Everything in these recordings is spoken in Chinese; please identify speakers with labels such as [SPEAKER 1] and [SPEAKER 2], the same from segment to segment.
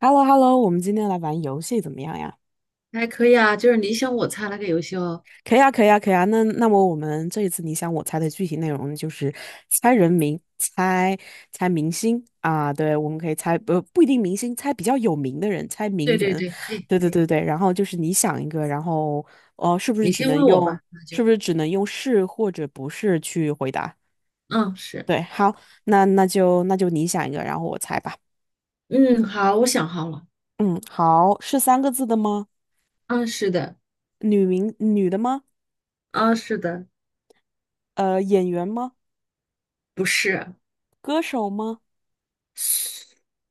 [SPEAKER 1] h e l l o h e l l o 我们今天来玩游戏怎么样呀？
[SPEAKER 2] 还可以啊，就是你想我猜那个游戏哦。
[SPEAKER 1] 可以啊，可以啊，可以啊。那么我们这一次你想我猜的具体内容就是猜人名、猜明星啊。对，我们可以猜不一定明星，猜比较有名的人，猜名
[SPEAKER 2] 对对
[SPEAKER 1] 人。
[SPEAKER 2] 对，可以
[SPEAKER 1] 对对
[SPEAKER 2] 可以，
[SPEAKER 1] 对对。然后就是你想一个，然后哦、是不是
[SPEAKER 2] 你
[SPEAKER 1] 只
[SPEAKER 2] 先
[SPEAKER 1] 能
[SPEAKER 2] 问我
[SPEAKER 1] 用
[SPEAKER 2] 吧，那
[SPEAKER 1] 是
[SPEAKER 2] 就
[SPEAKER 1] 不是只能用是或者不是去回答？
[SPEAKER 2] 嗯是
[SPEAKER 1] 对，好，那就你想一个，然后我猜吧。
[SPEAKER 2] 嗯好，我想好了。
[SPEAKER 1] 嗯，好，是三个字的吗？
[SPEAKER 2] 嗯是的。
[SPEAKER 1] 女名女的吗？
[SPEAKER 2] 嗯是的。
[SPEAKER 1] 演员吗？
[SPEAKER 2] 不是。
[SPEAKER 1] 歌手吗？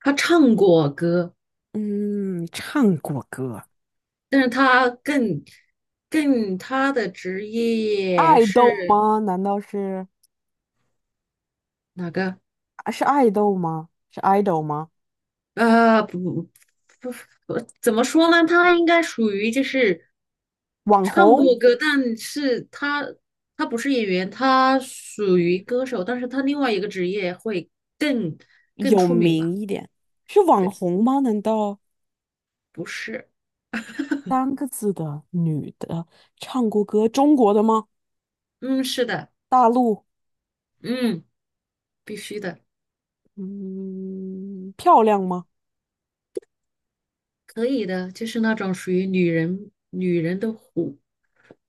[SPEAKER 2] 他唱过歌，
[SPEAKER 1] 嗯，唱过歌，
[SPEAKER 2] 但是他更他的职业
[SPEAKER 1] 爱豆
[SPEAKER 2] 是
[SPEAKER 1] 吗？难道是
[SPEAKER 2] 哪个？
[SPEAKER 1] 啊是爱豆吗？是爱豆吗？
[SPEAKER 2] 呃不不不，不怎么说呢？他应该属于就是。
[SPEAKER 1] 网
[SPEAKER 2] 唱
[SPEAKER 1] 红
[SPEAKER 2] 过歌，但是他不是演员，他属于歌手，但是他另外一个职业会更更
[SPEAKER 1] 有
[SPEAKER 2] 出名吧？
[SPEAKER 1] 名一点，是网
[SPEAKER 2] 对。
[SPEAKER 1] 红吗？难道
[SPEAKER 2] 不是。
[SPEAKER 1] 三个字的女的唱过歌，中国的吗？
[SPEAKER 2] 嗯，是的。
[SPEAKER 1] 大陆，
[SPEAKER 2] 嗯，必须的。
[SPEAKER 1] 嗯，漂亮吗？
[SPEAKER 2] 可以的，就是那种属于女人的妩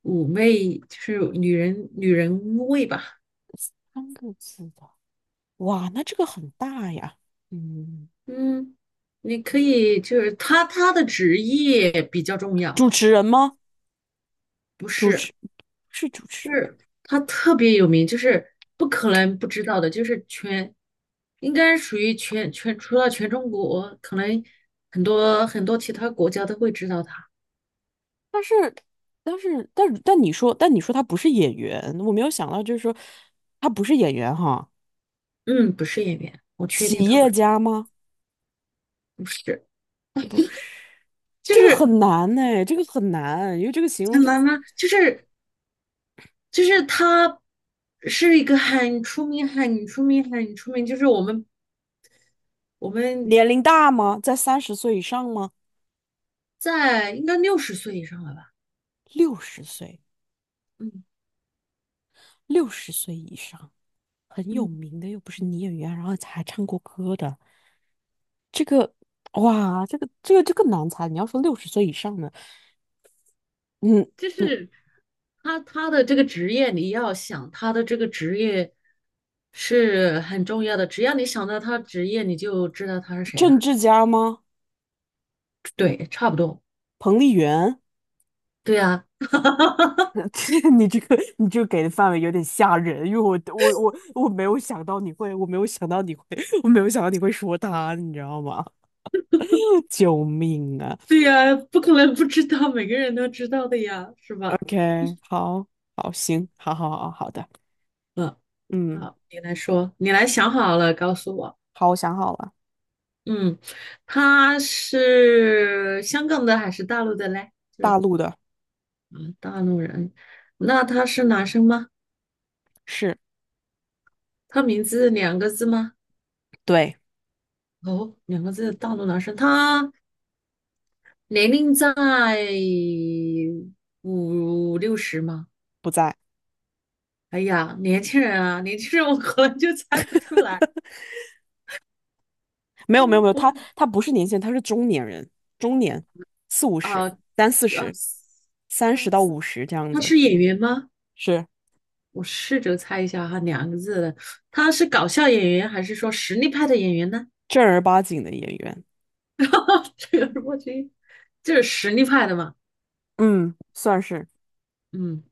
[SPEAKER 2] 妩媚，就是女人女人味吧？
[SPEAKER 1] 三个字的，哇，那这个很大呀。嗯，
[SPEAKER 2] 嗯，你可以，就是他的职业比较重要。
[SPEAKER 1] 主持人吗？
[SPEAKER 2] 不
[SPEAKER 1] 主
[SPEAKER 2] 是。
[SPEAKER 1] 持是主持。
[SPEAKER 2] 就
[SPEAKER 1] 人。
[SPEAKER 2] 是他特别有名，就是不可能不知道的，就是全，应该属于全，除了全中国，可能很多其他国家都会知道他。
[SPEAKER 1] 但是，但是，但你说，但你说他不是演员，我没有想到，就是说他不是演员哈，
[SPEAKER 2] 嗯，不是演员，我确定
[SPEAKER 1] 企
[SPEAKER 2] 他不
[SPEAKER 1] 业
[SPEAKER 2] 是。
[SPEAKER 1] 家吗？
[SPEAKER 2] 不是。
[SPEAKER 1] 不是，
[SPEAKER 2] 就
[SPEAKER 1] 这个
[SPEAKER 2] 是
[SPEAKER 1] 很难呢，这个很难，因为这个形
[SPEAKER 2] 很
[SPEAKER 1] 容真
[SPEAKER 2] 难吗？就是就是他是一个很出名，就是我们
[SPEAKER 1] 年龄大吗？在三十岁以上吗？
[SPEAKER 2] 在应该六十岁以上了吧？
[SPEAKER 1] 六十岁，
[SPEAKER 2] 嗯
[SPEAKER 1] 六十岁以上，很有
[SPEAKER 2] 嗯，
[SPEAKER 1] 名的，又不是女演员，然后还唱过歌的，这个哇，这个难猜。你要说六十岁以上的，嗯
[SPEAKER 2] 就
[SPEAKER 1] 嗯，
[SPEAKER 2] 是。他的这个职业，你要想他的这个职业是很重要的。只要你想到他职业，你就知道他是谁了。
[SPEAKER 1] 政治家吗？
[SPEAKER 2] 对，差不多。
[SPEAKER 1] 彭丽媛？
[SPEAKER 2] 对呀。
[SPEAKER 1] 你这个给的范围有点吓人，因为我没有想到你会，我没有想到你会，我没有想到你会说他，你知道吗？救命啊
[SPEAKER 2] 对呀，不可能不知道，每个人都知道的呀，是吧？
[SPEAKER 1] ！OK，好，好，行，好好的，
[SPEAKER 2] 嗯，
[SPEAKER 1] 嗯，
[SPEAKER 2] 好，你来说，你来想好了告诉我。
[SPEAKER 1] 好，我想好了，
[SPEAKER 2] 嗯，他是香港的还是大陆的嘞？就是
[SPEAKER 1] 大陆的
[SPEAKER 2] 啊，大陆人。那他是男生吗？
[SPEAKER 1] 是，
[SPEAKER 2] 他名字两个字吗？
[SPEAKER 1] 对，
[SPEAKER 2] 哦，两个字，大陆男生。他年龄在五六十吗？
[SPEAKER 1] 不在，
[SPEAKER 2] 哎呀，年轻人啊，年轻人我可能就猜不出来。
[SPEAKER 1] 没有没有没有，
[SPEAKER 2] 我
[SPEAKER 1] 他不是年轻人，他是中年人，中年，四五
[SPEAKER 2] 啊，
[SPEAKER 1] 十，三四
[SPEAKER 2] 二
[SPEAKER 1] 十，
[SPEAKER 2] 四
[SPEAKER 1] 三
[SPEAKER 2] 二
[SPEAKER 1] 十到
[SPEAKER 2] 四
[SPEAKER 1] 五十这样
[SPEAKER 2] 他
[SPEAKER 1] 子，
[SPEAKER 2] 是演员吗？
[SPEAKER 1] 是
[SPEAKER 2] 我试着猜一下哈，两个字的，他是搞笑演员还是说实力派的演员呢？
[SPEAKER 1] 正儿八经的演员，
[SPEAKER 2] 这个我觉得这是实力派的嘛。
[SPEAKER 1] 嗯，算是。
[SPEAKER 2] 嗯，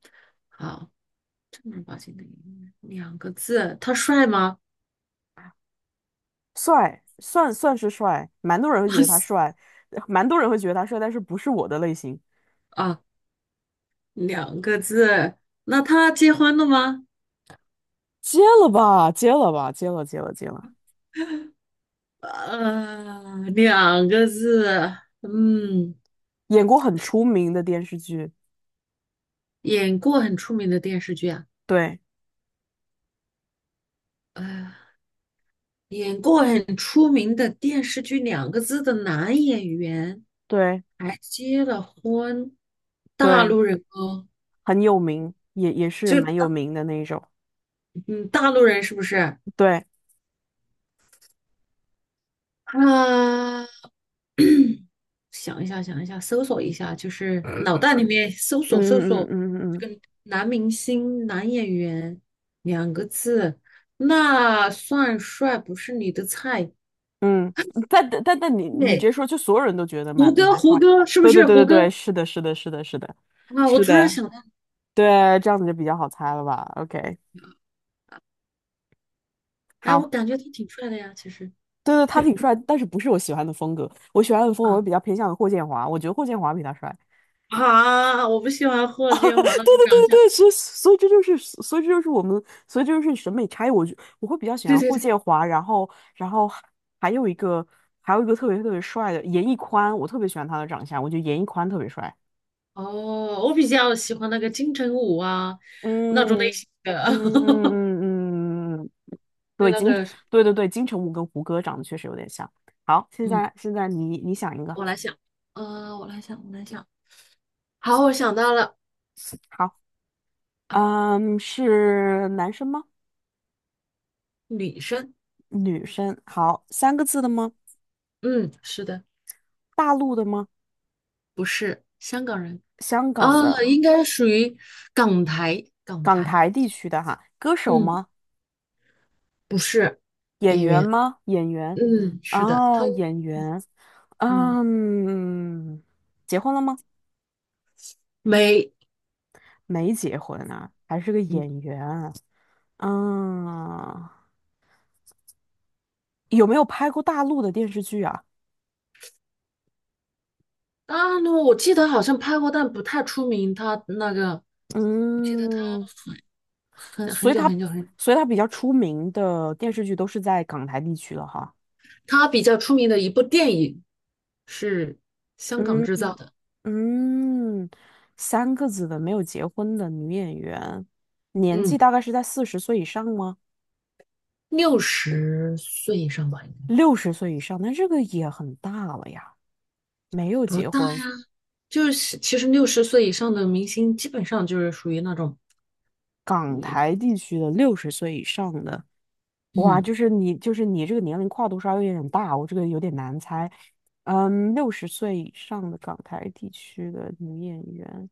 [SPEAKER 2] 好，正儿八经的演员，两个字，他帅吗？
[SPEAKER 1] 帅，算是帅，蛮多人会觉得他 帅，蛮多人会觉得他帅，但是不是我的类型。
[SPEAKER 2] 啊，两个字，那他结婚了吗？
[SPEAKER 1] 接了吧，接了吧，接了，接了，接了。
[SPEAKER 2] 呃，两个字，嗯，
[SPEAKER 1] 演过很出名的电视剧，
[SPEAKER 2] 演过很出名的电视剧啊。
[SPEAKER 1] 对
[SPEAKER 2] 呃，演过很出名的电视剧，两个字的男演员
[SPEAKER 1] 对
[SPEAKER 2] 还结了婚，大
[SPEAKER 1] 对，
[SPEAKER 2] 陆人哦。
[SPEAKER 1] 很有名，也是
[SPEAKER 2] 就
[SPEAKER 1] 蛮有名的那一种。
[SPEAKER 2] 嗯，大陆人是不是？
[SPEAKER 1] 对，
[SPEAKER 2] 啊，想一下，想一下，搜索一下，就是脑袋里面搜索搜
[SPEAKER 1] 嗯嗯
[SPEAKER 2] 索
[SPEAKER 1] 嗯嗯
[SPEAKER 2] 男明星、男演员两个字，那算帅不是你的菜。
[SPEAKER 1] 嗯，但你直
[SPEAKER 2] 对，
[SPEAKER 1] 接说，就所有人都觉得蛮
[SPEAKER 2] 胡歌，
[SPEAKER 1] 蛮帅。
[SPEAKER 2] 胡歌是不
[SPEAKER 1] 对对
[SPEAKER 2] 是
[SPEAKER 1] 对
[SPEAKER 2] 胡
[SPEAKER 1] 对对，
[SPEAKER 2] 歌
[SPEAKER 1] 是的，是的，是的，是的，
[SPEAKER 2] 啊？我
[SPEAKER 1] 是
[SPEAKER 2] 突然
[SPEAKER 1] 的，
[SPEAKER 2] 想到。
[SPEAKER 1] 对，这样子就比较好猜了吧？OK，
[SPEAKER 2] 哎，我
[SPEAKER 1] 好。
[SPEAKER 2] 感觉他挺帅的呀，其实
[SPEAKER 1] 对对，他挺帅，但是不是我喜欢的风格。我喜欢的风格，
[SPEAKER 2] 啊。
[SPEAKER 1] 我比较偏向于霍建华，我觉得霍建华比他帅。
[SPEAKER 2] 啊，我不喜欢霍
[SPEAKER 1] 啊，对
[SPEAKER 2] 建华那种
[SPEAKER 1] 对
[SPEAKER 2] 长
[SPEAKER 1] 对
[SPEAKER 2] 相。
[SPEAKER 1] 对，所以这就是所以这就是我们所以这就是审美差异。我会比较喜
[SPEAKER 2] 对
[SPEAKER 1] 欢
[SPEAKER 2] 对
[SPEAKER 1] 霍
[SPEAKER 2] 对，
[SPEAKER 1] 建华，然后然后还有一个还有一个特别特别帅的严屹宽，我特别喜欢他的长相，我觉得严屹宽特别帅。
[SPEAKER 2] 哦，我比较喜欢那个金城武啊，那种
[SPEAKER 1] 嗯
[SPEAKER 2] 类型的。
[SPEAKER 1] 嗯 嗯嗯嗯，
[SPEAKER 2] 对，
[SPEAKER 1] 对
[SPEAKER 2] 那
[SPEAKER 1] 金
[SPEAKER 2] 个是
[SPEAKER 1] 对对对金城武跟胡歌长得确实有点像。好，现
[SPEAKER 2] 嗯，
[SPEAKER 1] 在现在你想一个，
[SPEAKER 2] 我来想。呃，我来想，我来想，好，我想到了
[SPEAKER 1] 好。
[SPEAKER 2] 啊。
[SPEAKER 1] 嗯，是男生吗？
[SPEAKER 2] 女生。
[SPEAKER 1] 女生？好，三个字的吗？
[SPEAKER 2] 嗯，是的。
[SPEAKER 1] 大陆的吗？
[SPEAKER 2] 不是香港人
[SPEAKER 1] 香
[SPEAKER 2] 啊，
[SPEAKER 1] 港的？
[SPEAKER 2] 应该属于港台，港
[SPEAKER 1] 港
[SPEAKER 2] 台。
[SPEAKER 1] 台地区的哈？歌手
[SPEAKER 2] 嗯，
[SPEAKER 1] 吗？
[SPEAKER 2] 不是。
[SPEAKER 1] 演
[SPEAKER 2] 演
[SPEAKER 1] 员
[SPEAKER 2] 员。
[SPEAKER 1] 吗？演员？
[SPEAKER 2] 嗯，是的，他
[SPEAKER 1] 啊，演员。
[SPEAKER 2] 嗯
[SPEAKER 1] 嗯，结婚了吗？
[SPEAKER 2] 没
[SPEAKER 1] 没结婚啊，还是个
[SPEAKER 2] 嗯
[SPEAKER 1] 演员。嗯，有没有拍过大陆的电视剧啊？
[SPEAKER 2] 啊，那我记得好像拍过，但不太出名。他那个
[SPEAKER 1] 嗯，
[SPEAKER 2] 很
[SPEAKER 1] 所
[SPEAKER 2] 很
[SPEAKER 1] 以
[SPEAKER 2] 久
[SPEAKER 1] 他，
[SPEAKER 2] 很久很，
[SPEAKER 1] 所以他比较出名的电视剧都是在港台地区了哈。
[SPEAKER 2] 他比较出名的一部电影是香港
[SPEAKER 1] 嗯。
[SPEAKER 2] 制造的。
[SPEAKER 1] 嗯，三个子的没有结婚的女演员，年
[SPEAKER 2] 嗯，
[SPEAKER 1] 纪大概是在四十岁以上吗？
[SPEAKER 2] 六十岁以上吧，应该
[SPEAKER 1] 六十岁以上，那这个也很大了呀。没有
[SPEAKER 2] 不
[SPEAKER 1] 结
[SPEAKER 2] 大呀。
[SPEAKER 1] 婚，
[SPEAKER 2] 就是其实六十岁以上的明星，基本上就是属于那种
[SPEAKER 1] 港台地区的六十岁以上的，哇，
[SPEAKER 2] 嗯
[SPEAKER 1] 就是你这个年龄跨度稍微有点大，我这个有点难猜。嗯，六十岁以上的港台地区的女演员，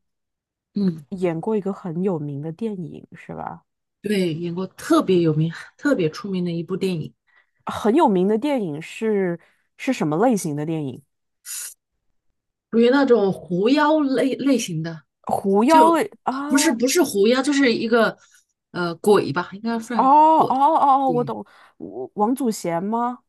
[SPEAKER 2] 嗯，
[SPEAKER 1] 演过一个很有名的电影，是吧？
[SPEAKER 2] 对，演过特别有名、特别出名的一部电影，
[SPEAKER 1] 很有名的电影是是什么类型的电影？
[SPEAKER 2] 属于那种狐妖类类型的。
[SPEAKER 1] 狐妖
[SPEAKER 2] 就
[SPEAKER 1] 类啊，
[SPEAKER 2] 不是
[SPEAKER 1] 哦
[SPEAKER 2] 不是狐妖，就是一个呃鬼吧，应该
[SPEAKER 1] 哦
[SPEAKER 2] 算
[SPEAKER 1] 哦
[SPEAKER 2] 鬼。
[SPEAKER 1] 哦，我
[SPEAKER 2] 对。
[SPEAKER 1] 懂，我王祖贤吗？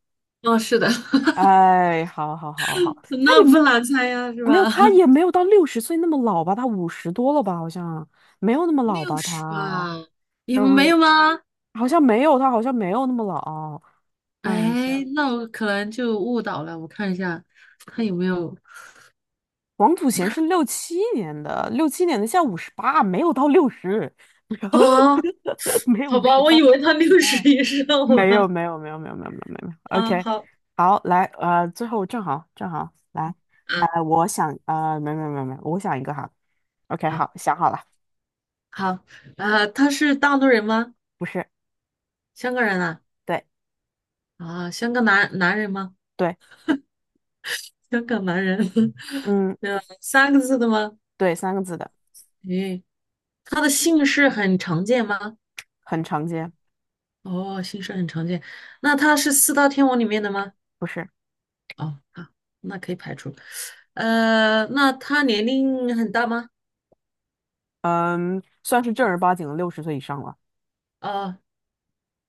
[SPEAKER 2] 哦，是的。
[SPEAKER 1] 哎，他
[SPEAKER 2] 那
[SPEAKER 1] 也没
[SPEAKER 2] 不难猜呀，是
[SPEAKER 1] 没有，
[SPEAKER 2] 吧？
[SPEAKER 1] 他 也没有到六十岁那么老吧？他五十多了吧？好像没有那么老
[SPEAKER 2] 六
[SPEAKER 1] 吧？
[SPEAKER 2] 十
[SPEAKER 1] 他，
[SPEAKER 2] 吧，你们没
[SPEAKER 1] 嗯，
[SPEAKER 2] 有吗？
[SPEAKER 1] 好像没有，他好像没有那么老。看一下，
[SPEAKER 2] 哎，那我可能就误导了。我看一下，他有没有
[SPEAKER 1] 王祖贤是六七年的，六七年的，现在五十八，没有到六十，
[SPEAKER 2] 啊？
[SPEAKER 1] 没有
[SPEAKER 2] 好
[SPEAKER 1] 五
[SPEAKER 2] 吧，
[SPEAKER 1] 十
[SPEAKER 2] 我
[SPEAKER 1] 八，五
[SPEAKER 2] 以为他
[SPEAKER 1] 十
[SPEAKER 2] 六
[SPEAKER 1] 八
[SPEAKER 2] 十以上
[SPEAKER 1] 没有
[SPEAKER 2] 了。
[SPEAKER 1] 没有没有没有没有没有没有
[SPEAKER 2] 啊，
[SPEAKER 1] ，OK，
[SPEAKER 2] 好
[SPEAKER 1] 好，来，最后正好来，
[SPEAKER 2] 啊，
[SPEAKER 1] 我想，没有没有没有没有我想一个哈，OK，
[SPEAKER 2] 好，
[SPEAKER 1] 好，想好了，
[SPEAKER 2] 好，呃，他是大陆人吗？
[SPEAKER 1] 不是，
[SPEAKER 2] 香港人啊？
[SPEAKER 1] 对
[SPEAKER 2] 啊，香港男人吗？
[SPEAKER 1] 对，
[SPEAKER 2] 香港男人。
[SPEAKER 1] 嗯，
[SPEAKER 2] 呃，三个字的吗？
[SPEAKER 1] 对，三个字的，
[SPEAKER 2] 诶，他的姓氏很常见吗？
[SPEAKER 1] 很常见，
[SPEAKER 2] 哦，姓氏很常见，那他是四大天王里面的吗？
[SPEAKER 1] 不是，
[SPEAKER 2] 哦，好，那可以排除。呃，那他年龄很大吗？
[SPEAKER 1] 嗯，算是正儿八经的六十岁以上了，
[SPEAKER 2] 呃，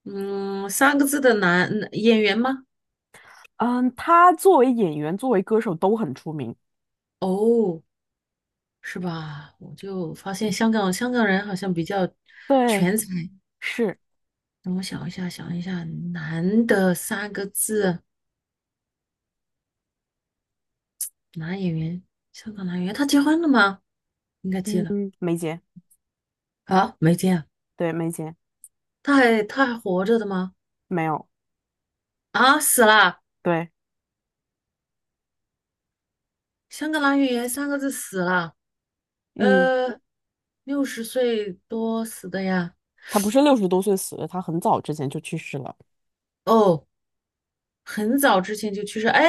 [SPEAKER 2] 嗯，三个字的男演员吗？
[SPEAKER 1] 嗯，他作为演员，作为歌手都很出名，
[SPEAKER 2] 哦，是吧？我就发现香港人好像比较
[SPEAKER 1] 对，
[SPEAKER 2] 全才。
[SPEAKER 1] 是，
[SPEAKER 2] 让我想一下，想一下，男的三个字男演员，香港男演员，他结婚了吗？应该结
[SPEAKER 1] 嗯，
[SPEAKER 2] 了。
[SPEAKER 1] 梅姐，
[SPEAKER 2] 啊，没结啊。
[SPEAKER 1] 对，梅姐，
[SPEAKER 2] 他还活着的吗？
[SPEAKER 1] 没有，
[SPEAKER 2] 啊，死了！
[SPEAKER 1] 对，
[SPEAKER 2] 香格兰语言三个字死了。
[SPEAKER 1] 嗯，
[SPEAKER 2] 呃，六十岁多死的呀。
[SPEAKER 1] 他不是六十多岁死的，他很早之前就去世了。
[SPEAKER 2] 哦，很早之前就去世。哎，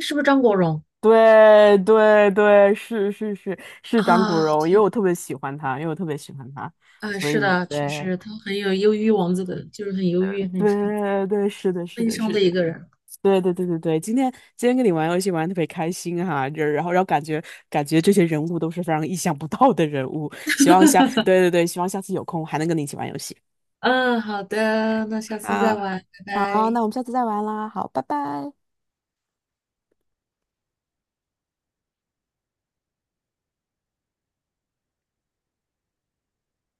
[SPEAKER 2] 是不是张国荣
[SPEAKER 1] 对对对，是是长骨
[SPEAKER 2] 啊？
[SPEAKER 1] 柔，因为
[SPEAKER 2] 天呐。
[SPEAKER 1] 我特别喜欢他，因为我特别喜欢他，
[SPEAKER 2] 哎，
[SPEAKER 1] 所
[SPEAKER 2] 是
[SPEAKER 1] 以
[SPEAKER 2] 的，确
[SPEAKER 1] 对
[SPEAKER 2] 实他很有忧郁王子的，就是很忧郁、很
[SPEAKER 1] 对对，是的，是
[SPEAKER 2] 悲
[SPEAKER 1] 的，
[SPEAKER 2] 伤
[SPEAKER 1] 是
[SPEAKER 2] 的
[SPEAKER 1] 的，
[SPEAKER 2] 一个人。
[SPEAKER 1] 对对对对对，今天跟你玩游戏玩的特别开心哈，就然后感觉感觉这些人物都是非常意想不到的人物，希望下对对对，希望下次有空还能跟你一起玩游戏。
[SPEAKER 2] 嗯，好的，那下次再
[SPEAKER 1] 好，
[SPEAKER 2] 玩，拜
[SPEAKER 1] 好，那
[SPEAKER 2] 拜。
[SPEAKER 1] 我们下次再玩啦，好，拜拜。